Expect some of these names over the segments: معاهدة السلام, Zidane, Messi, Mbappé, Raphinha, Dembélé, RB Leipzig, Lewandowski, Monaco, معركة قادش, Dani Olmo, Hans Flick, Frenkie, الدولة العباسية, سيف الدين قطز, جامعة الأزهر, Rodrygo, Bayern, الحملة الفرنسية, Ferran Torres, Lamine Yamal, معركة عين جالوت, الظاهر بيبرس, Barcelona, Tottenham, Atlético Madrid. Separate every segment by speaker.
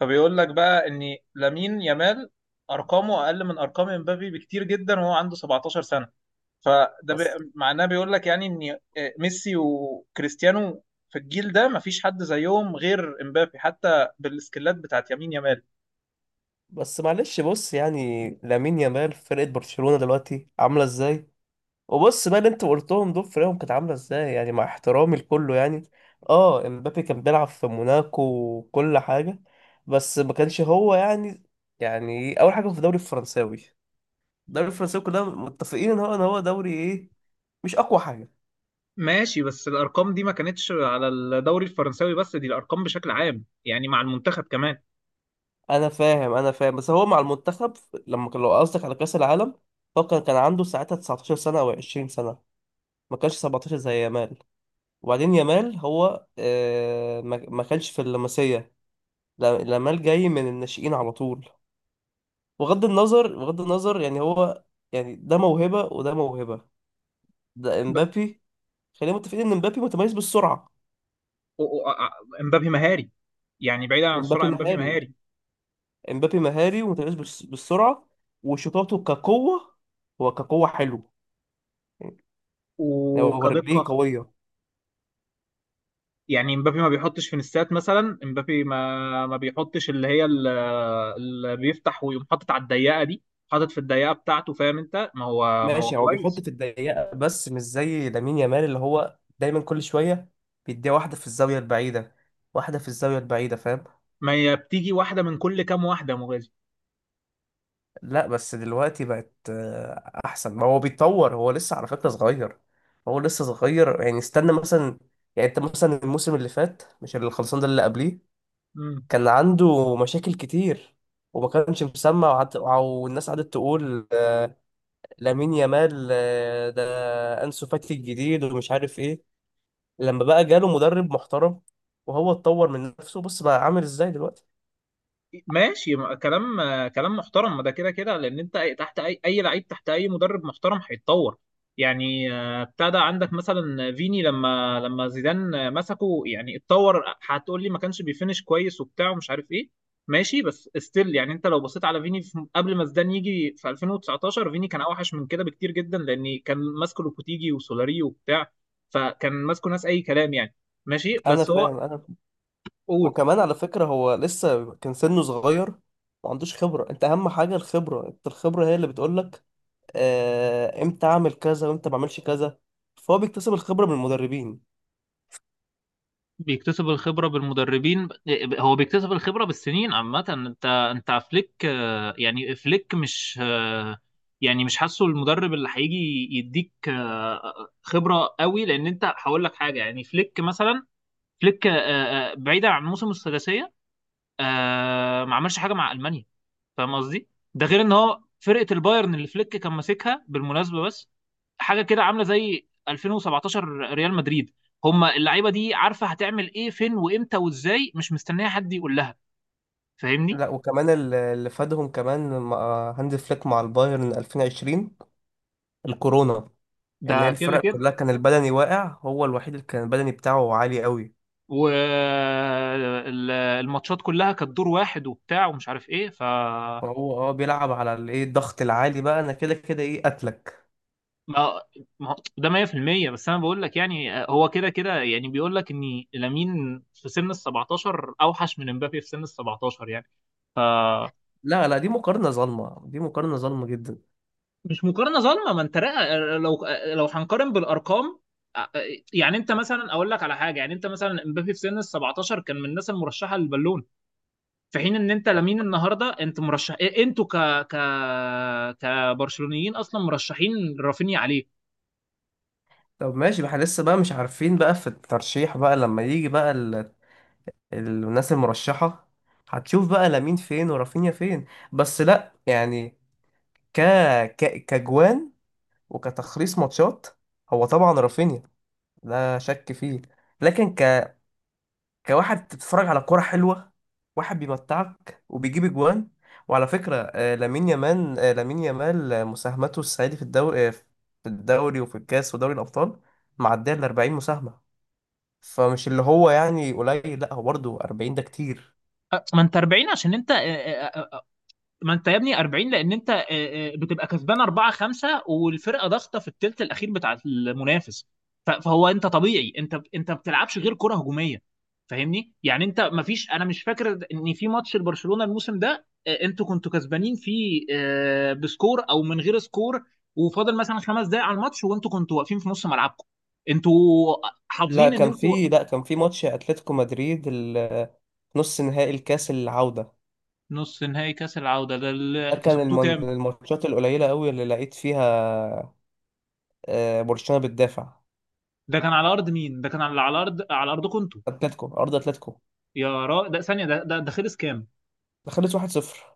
Speaker 1: فبيقول لك بقى ان لامين يامال ارقامه اقل من ارقام امبابي بكتير جدا، وهو عنده 17 سنه. فده بي...
Speaker 2: بس
Speaker 1: معناه بيقول لك يعني ان ميسي وكريستيانو في الجيل ده مفيش حد زيهم غير امبابي، حتى بالسكيلات بتاعت يمين يامال.
Speaker 2: بس معلش، بص يعني لامين يامال في فرقة برشلونة دلوقتي عاملة ازاي؟ وبص بقى، اللي انت قلتهم دول فرقهم كانت عاملة ازاي يعني، مع احترامي لكله. يعني اه، امبابي كان بيلعب في موناكو وكل حاجة، بس ما كانش هو يعني. اول حاجة في الدوري الفرنساوي، الدوري الفرنساوي كلنا متفقين ان هو دوري ايه، مش اقوى حاجة.
Speaker 1: ماشي، بس الارقام دي ما كانتش على الدوري الفرنساوي بس، دي الارقام بشكل عام يعني مع المنتخب كمان.
Speaker 2: انا فاهم انا فاهم، بس هو مع المنتخب لما كان، لو قصدك على كأس العالم، هو كان عنده ساعتها 19 سنة او 20 سنة، ما كانش 17 زي يامال. وبعدين يامال هو ما كانش في اللمسية. يامال جاي من الناشئين على طول. بغض النظر بغض النظر يعني، هو يعني ده موهبة وده موهبة، ده
Speaker 1: ب...
Speaker 2: امبابي. خلينا متفقين ان امبابي متميز بالسرعة.
Speaker 1: و... و... امبابي مهاري، يعني بعيدا عن السرعه
Speaker 2: وامبابي
Speaker 1: امبابي
Speaker 2: مهاري،
Speaker 1: مهاري
Speaker 2: امبابي مهاري ومتميز بالسرعة، وشطاته كقوة، هو كقوة حلو يعني، هو رجليه
Speaker 1: وكدقه.
Speaker 2: قوية.
Speaker 1: يعني مبابي ما بيحطش فينيسات مثلا، مبابي ما بيحطش اللي هي اللي بيفتح ويقوم حاطط على الضيقه دي، حاطط في الضيقه بتاعته، فاهم؟ انت ما هو
Speaker 2: ماشي، هو بيحط
Speaker 1: كويس.
Speaker 2: في الضيقه بس مش زي لامين يامال، اللي هو دايما كل شويه بيديها واحده في الزاويه البعيده، واحده في الزاويه البعيده، فاهم.
Speaker 1: ما هي بتيجي واحده من كل كام واحده يا مغازي.
Speaker 2: لا بس دلوقتي بقت احسن، ما هو بيتطور، هو لسه على فكره صغير، هو لسه صغير. يعني استنى مثلا، يعني انت مثلا الموسم اللي فات، مش اللي خلصان ده، اللي قبليه، كان عنده مشاكل كتير وما كانش مسمع، والناس قعدت تقول لامين يامال ده انسو فاتي الجديد، ومش عارف ايه. لما بقى جاله مدرب محترم وهو اتطور من نفسه، بص بقى عامل ازاي دلوقتي.
Speaker 1: ماشي كلام كلام محترم، ما ده كده كده لان انت تحت اي لعيب تحت اي مدرب محترم هيتطور. يعني ابتدى عندك مثلا فيني لما زيدان مسكه يعني اتطور. هتقول لي ما كانش بيفنش كويس وبتاع ومش عارف ايه، ماشي بس ستيل، يعني انت لو بصيت على فيني في قبل ما زيدان يجي في 2019، فيني كان اوحش من كده بكتير جدا، لان كان ماسكه لوبوتيجي وسولاري وبتاع، فكان ماسكه ناس اي كلام يعني. ماشي
Speaker 2: انا
Speaker 1: بس
Speaker 2: فاهم
Speaker 1: هو.
Speaker 2: انا فاهم.
Speaker 1: قول.
Speaker 2: وكمان على فكره هو لسه كان سنه صغير، ما عندوش خبره. انت اهم حاجه الخبره، انت الخبره هي اللي بتقولك امتى اعمل كذا وامتى ما اعملش كذا. فهو بيكتسب الخبره من المدربين.
Speaker 1: بيكتسب الخبرة بالمدربين، هو بيكتسب الخبرة بالسنين عامة. انت فليك يعني فليك مش يعني مش حاسه المدرب اللي هيجي يديك خبرة قوي، لان انت هقول لك حاجة، يعني فليك مثلا، فليك بعيدا عن موسم الثلاثية، آه، ما عملش حاجه مع المانيا، فاهم قصدي؟ ده غير ان هو فرقه البايرن اللي فليك كان ماسكها بالمناسبه، بس حاجه كده عامله زي 2017 ريال مدريد. هما اللعيبه دي عارفه هتعمل ايه، فين وامتى وازاي، مش مستنيه حد يقول لها، فاهمني؟
Speaker 2: لا، وكمان اللي فادهم كمان مع هانز فليك مع البايرن 2020، الكورونا، ان هي
Speaker 1: ده كده
Speaker 2: الفرق
Speaker 1: كده.
Speaker 2: كلها كان البدني واقع، هو الوحيد اللي كان البدني بتاعه عالي قوي.
Speaker 1: والماتشات كلها كانت دور واحد وبتاع ومش عارف ايه، ف
Speaker 2: هو بيلعب على الايه، الضغط العالي، بقى انا كده كده ايه قتلك.
Speaker 1: ما ما هو- ده 100%. بس انا بقول لك يعني هو كده كده يعني بيقول لك ان لامين في سن ال 17 اوحش من امبابي في سن ال 17 يعني ف.
Speaker 2: لا لا، دي مقارنة ظالمة، دي مقارنة ظالمة جدا.
Speaker 1: مش مقارنه ظالمه، ما انت لو هنقارن بالارقام، آه، يعني انت مثلا اقول لك على حاجه، يعني انت مثلا امبابي في سن ال 17 كان من الناس المرشحه للبالون، في حين ان انت لامين النهارده انت مرشح انتوا ك ك كبرشلونيين اصلا مرشحين رافينيا عليه.
Speaker 2: طب ماشي، احنا لسه بقى مش عارفين بقى في الترشيح، بقى لما يجي بقى الناس المرشحة، هتشوف بقى لامين فين ورافينيا فين. بس لا يعني، ك... كجوان وكتخليص ماتشات، هو طبعا رافينيا، لا شك فيه. لكن كواحد بتتفرج على كرة حلوة، واحد بيمتعك وبيجيب اجوان، وعلى فكرة لامين يامال مساهمته الصعيدي في الدوري، وفي الكاس ودوري الأبطال، معدية ال 40 مساهمة. فمش اللي هو يعني قليل، لا هو برضه 40 ده كتير.
Speaker 1: ما انت 40 عشان انت، ما انت يا ابني 40 لان انت بتبقى كسبان 4 5 والفرقه ضاغطه في الثلث الاخير بتاع المنافس. فهو انت طبيعي، انت ما بتلعبش غير كره هجوميه، فاهمني؟ يعني انت ما فيش، انا مش فاكر ان في ماتش لبرشلونه الموسم ده انتوا كنتوا كسبانين فيه بسكور او من غير سكور، وفاضل مثلا 5 دقائق على الماتش، وانتوا كنتوا واقفين في نص ملعبكم، انتوا
Speaker 2: لا
Speaker 1: حافظين ان
Speaker 2: كان
Speaker 1: انتوا.
Speaker 2: في لا كان في ماتش اتلتيكو مدريد، نص نهائي الكاس العودة.
Speaker 1: نص نهائي كاس العوده ده
Speaker 2: ده
Speaker 1: اللي
Speaker 2: كان
Speaker 1: كسبتوه
Speaker 2: من
Speaker 1: كام؟
Speaker 2: الماتشات القليلة قوي اللي لقيت فيها برشلونة بتدافع.
Speaker 1: ده كان على ارض مين؟ ده كان على، على ارض، على ارضكم انتوا؟
Speaker 2: اتلتيكو، ارض اتلتيكو،
Speaker 1: يا را ده ثانية، ده خلص كام؟
Speaker 2: دخلت 1-0.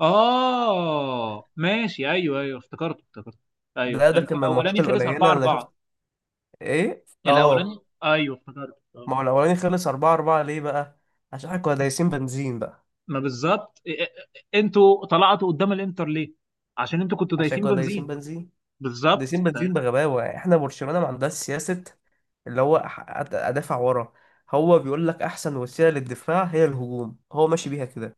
Speaker 1: آه ماشي، أيوه أيوه، افتكرته افتكرته. أيوه،
Speaker 2: ده
Speaker 1: أنت
Speaker 2: كان من الماتشات
Speaker 1: الأولاني خلص 4
Speaker 2: القليلة اللي شفت،
Speaker 1: 4.
Speaker 2: ايه
Speaker 1: الأولاني أيوه، افتكرته آه.
Speaker 2: ما هو الاولاني خلص 4-4 ليه بقى؟ عشان احنا كنا دايسين بنزين بقى،
Speaker 1: ما بالظبط، أنتوا طلعتوا قدام الإنتر ليه؟ عشان أنتوا كنتوا
Speaker 2: عشان
Speaker 1: دايسين
Speaker 2: كنا دايسين
Speaker 1: بنزين.
Speaker 2: بنزين، دايسين
Speaker 1: بالظبط.
Speaker 2: بنزين بغباوة يعني. احنا برشلونة ما عندهاش سياسة، اللي هو ادافع ورا. هو بيقول لك احسن وسيلة للدفاع هي الهجوم، هو ماشي بيها كده.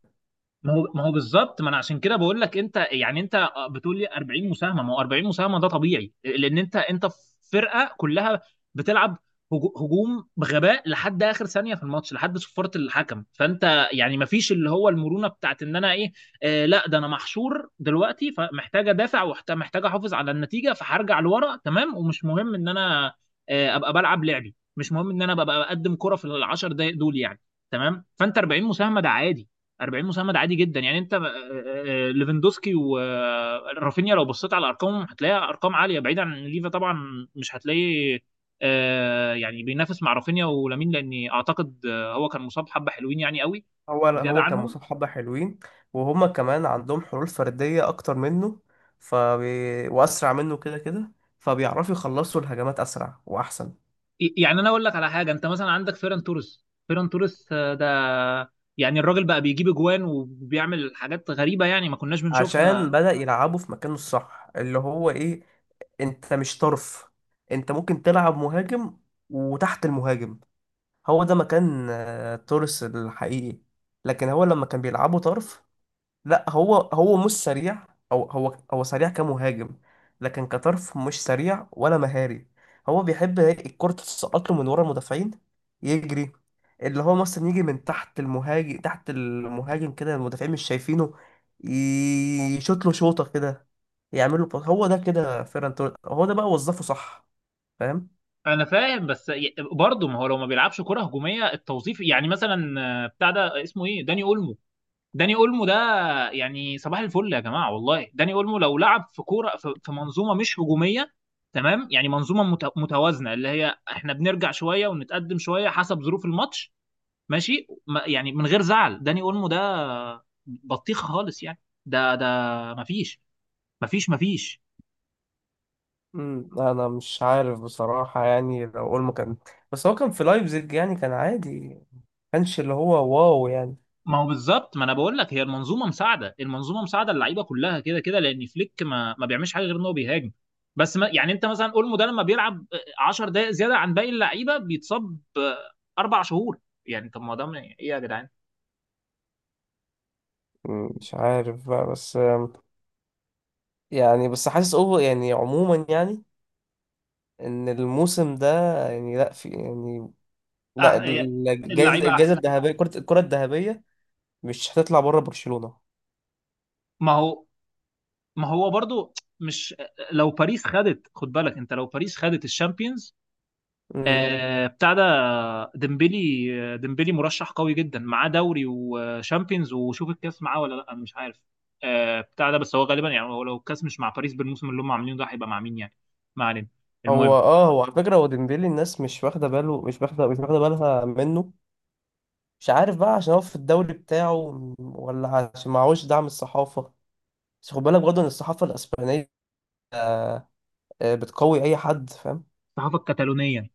Speaker 1: ما هو بالظبط، ما انا عشان كده بقول لك انت، يعني انت بتقول لي 40 مساهمه، ما هو 40 مساهمه ده طبيعي لان انت في فرقه كلها بتلعب هجوم بغباء لحد اخر ثانيه في الماتش لحد صفاره الحكم، فانت يعني ما فيش اللي هو المرونه بتاعت ان انا ايه، آه لا ده انا محشور دلوقتي، فمحتاج ادافع ومحتاج احافظ على النتيجه فهرجع لورا، تمام، ومش مهم ان انا آه ابقى بلعب لعبي، مش مهم ان انا ببقى بقدم كره في العشر دقايق دول يعني. تمام، فانت 40 مساهمه ده عادي، 40 مساعد عادي جدا يعني. انت ليفاندوسكي ورافينيا لو بصيت على ارقامهم هتلاقيها ارقام عاليه، بعيد عن ليفا طبعا مش هتلاقي، يعني بينافس مع رافينيا ولامين، لاني اعتقد هو كان مصاب حبه حلوين يعني قوي
Speaker 2: هو
Speaker 1: زياده
Speaker 2: هو كان
Speaker 1: عنهم.
Speaker 2: مصاب حبة حلوين، وهما كمان عندهم حلول فردية اكتر منه، واسرع منه كده كده، فبيعرفوا يخلصوا الهجمات اسرع واحسن.
Speaker 1: يعني انا اقول لك على حاجه، انت مثلا عندك فيران توريس، فيران توريس ده يعني الراجل بقى بيجيب اجوان وبيعمل حاجات غريبه يعني ما كناش
Speaker 2: عشان
Speaker 1: بنشوفها.
Speaker 2: بدأ يلعبه في مكانه الصح اللي هو ايه، انت مش طرف، انت ممكن تلعب مهاجم وتحت المهاجم، هو ده مكان توريس الحقيقي. لكن هو لما كان بيلعبه طرف، لا هو مش سريع، او هو سريع كمهاجم، لكن كطرف مش سريع ولا مهاري. هو بيحب الكرة تتسقط له من ورا المدافعين، يجري، اللي هو مثلا يجي من تحت المهاجم، تحت المهاجم كده المدافعين مش شايفينه، يشوط له شوطة كده، يعمل له باص. هو ده كده فيران توريس، هو ده بقى وظفه صح، فاهم.
Speaker 1: انا فاهم، بس برضه ما هو لو ما بيلعبش كره هجوميه التوظيف، يعني مثلا بتاع ده اسمه ايه، داني اولمو. داني اولمو ده يعني صباح الفل يا جماعه والله، داني اولمو لو لعب في كوره، في منظومه مش هجوميه تمام، يعني منظومه متوازنه اللي هي احنا بنرجع شويه ونتقدم شويه حسب ظروف الماتش، ماشي يعني من غير زعل، داني اولمو ده بطيخ خالص يعني. ده مفيش مفيش مفيش.
Speaker 2: انا مش عارف بصراحة، يعني لو اقول اول ما كان، بس هو كان في لايبزيج يعني كان عادي، ما كانش اللي هو واو يعني.
Speaker 1: ما هو بالظبط، ما انا بقول لك هي المنظومه مساعده، المنظومه مساعده، اللعيبه كلها كده كده، لان فليك ما بيعملش حاجه غير ان هو بيهاجم بس، ما يعني انت مثلا اولمو ده لما بيلعب 10 دقائق زياده عن باقي اللعيبه بيتصاب 4 شهور. يعني طب ما ده ايه يا جدعان؟
Speaker 2: مش عارف بقى، بس يعني بس حاسس اوفر يعني عموما، يعني ان الموسم ده، يعني لا في يعني، لا
Speaker 1: أح... يا-
Speaker 2: ال- الجايزه
Speaker 1: اللعيبه
Speaker 2: الجايزه
Speaker 1: احسن.
Speaker 2: الذهبيه، الكره الذهبيه مش هتطلع بره برشلونه.
Speaker 1: ما هو ما هو برضو، مش لو باريس خدت، خد بالك انت، لو باريس خدت الشامبيونز
Speaker 2: امم
Speaker 1: بتاع ده، ديمبلي، ديمبلي مرشح قوي جدا، معاه دوري وشامبيونز، وشوف الكاس معاه ولا لا، مش عارف بتاع ده، بس هو غالبا يعني، هو لو الكاس مش مع باريس بالموسم اللي هم عاملينه ده، هيبقى مع مين يعني؟ ما علينا،
Speaker 2: هو
Speaker 1: المهم.
Speaker 2: هو على فكره، هو ديمبلي الناس مش واخده باله، مش واخده بالها منه، مش عارف بقى، عشان هو في الدوري بتاعه، ولا عشان معهوش دعم الصحافه؟ بس خد بالك برضه ان الصحافه الاسبانيه آه، بتقوي اي حد، فاهم.
Speaker 1: الصحافه الكتالونيه،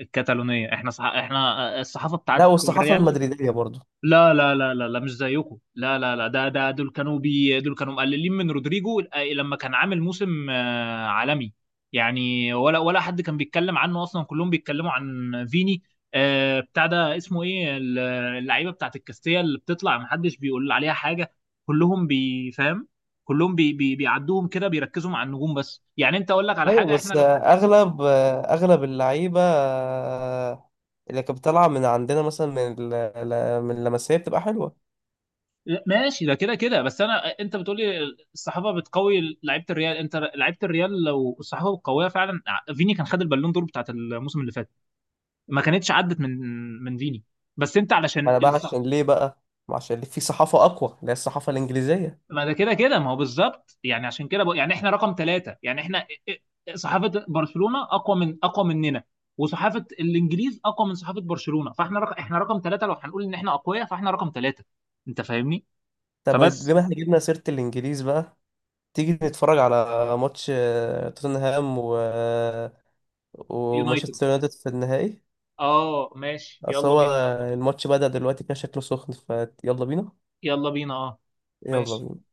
Speaker 1: الكتالونيه احنا احنا الصحافه
Speaker 2: لا،
Speaker 1: بتاعت
Speaker 2: والصحافه
Speaker 1: الريال.
Speaker 2: المدريديه برضه.
Speaker 1: لا لا لا لا لا، مش زيكم، لا لا لا، ده ده دول كانوا بي دول كانوا مقللين من رودريجو لما كان عامل موسم عالمي، يعني ولا حد كان بيتكلم عنه اصلا، كلهم بيتكلموا عن فيني. بتاع ده اسمه ايه اللعيبه بتاعت الكاستيا اللي بتطلع، محدش بيقول عليها حاجه. كلهم بيفهم، كلهم بي بي بيعدوهم كده، بيركزوا مع النجوم بس، يعني انت اقول لك على
Speaker 2: ايوه،
Speaker 1: حاجه احنا
Speaker 2: بس
Speaker 1: لو.
Speaker 2: اغلب اللعيبه اللي كانت بتطلع من عندنا، مثلا من اللمسيه بتبقى حلوه.
Speaker 1: ماشي ده كده كده، بس انا، انت بتقولي الصحافه بتقوي لعيبه الريال، انت لعيبه الريال لو الصحافه القويه فعلا، فيني كان خد البالون دور بتاعت الموسم اللي فات، ما كانتش عدت من من فيني، بس انت
Speaker 2: ما
Speaker 1: علشان
Speaker 2: انا بقى
Speaker 1: الصح.
Speaker 2: عشان ليه بقى؟ ما عشان في صحافه اقوى، اللي هي الصحافه الانجليزيه.
Speaker 1: ما ده كده كده، ما هو بالظبط يعني عشان كده بقى، يعني احنا رقم ثلاثة، يعني احنا صحافه برشلونه اقوى، من اقوى مننا، وصحافه الانجليز اقوى من صحافه برشلونه، فاحنا رقم، احنا رقم ثلاثة، لو هنقول ان احنا اقوياء فاحنا رقم ثلاثة، انت فاهمني؟
Speaker 2: طب
Speaker 1: فبس.
Speaker 2: بما احنا جبنا سيره الانجليز بقى، تيجي نتفرج على ماتش توتنهام
Speaker 1: يونايتد،
Speaker 2: ومانشستر يونايتد في النهائي.
Speaker 1: اه ماشي،
Speaker 2: اصل
Speaker 1: يلا
Speaker 2: هو
Speaker 1: بينا.
Speaker 2: الماتش بدأ دلوقتي، كده شكله سخن، فيلا بينا،
Speaker 1: يلا بينا، اه
Speaker 2: يلا
Speaker 1: ماشي.
Speaker 2: بينا.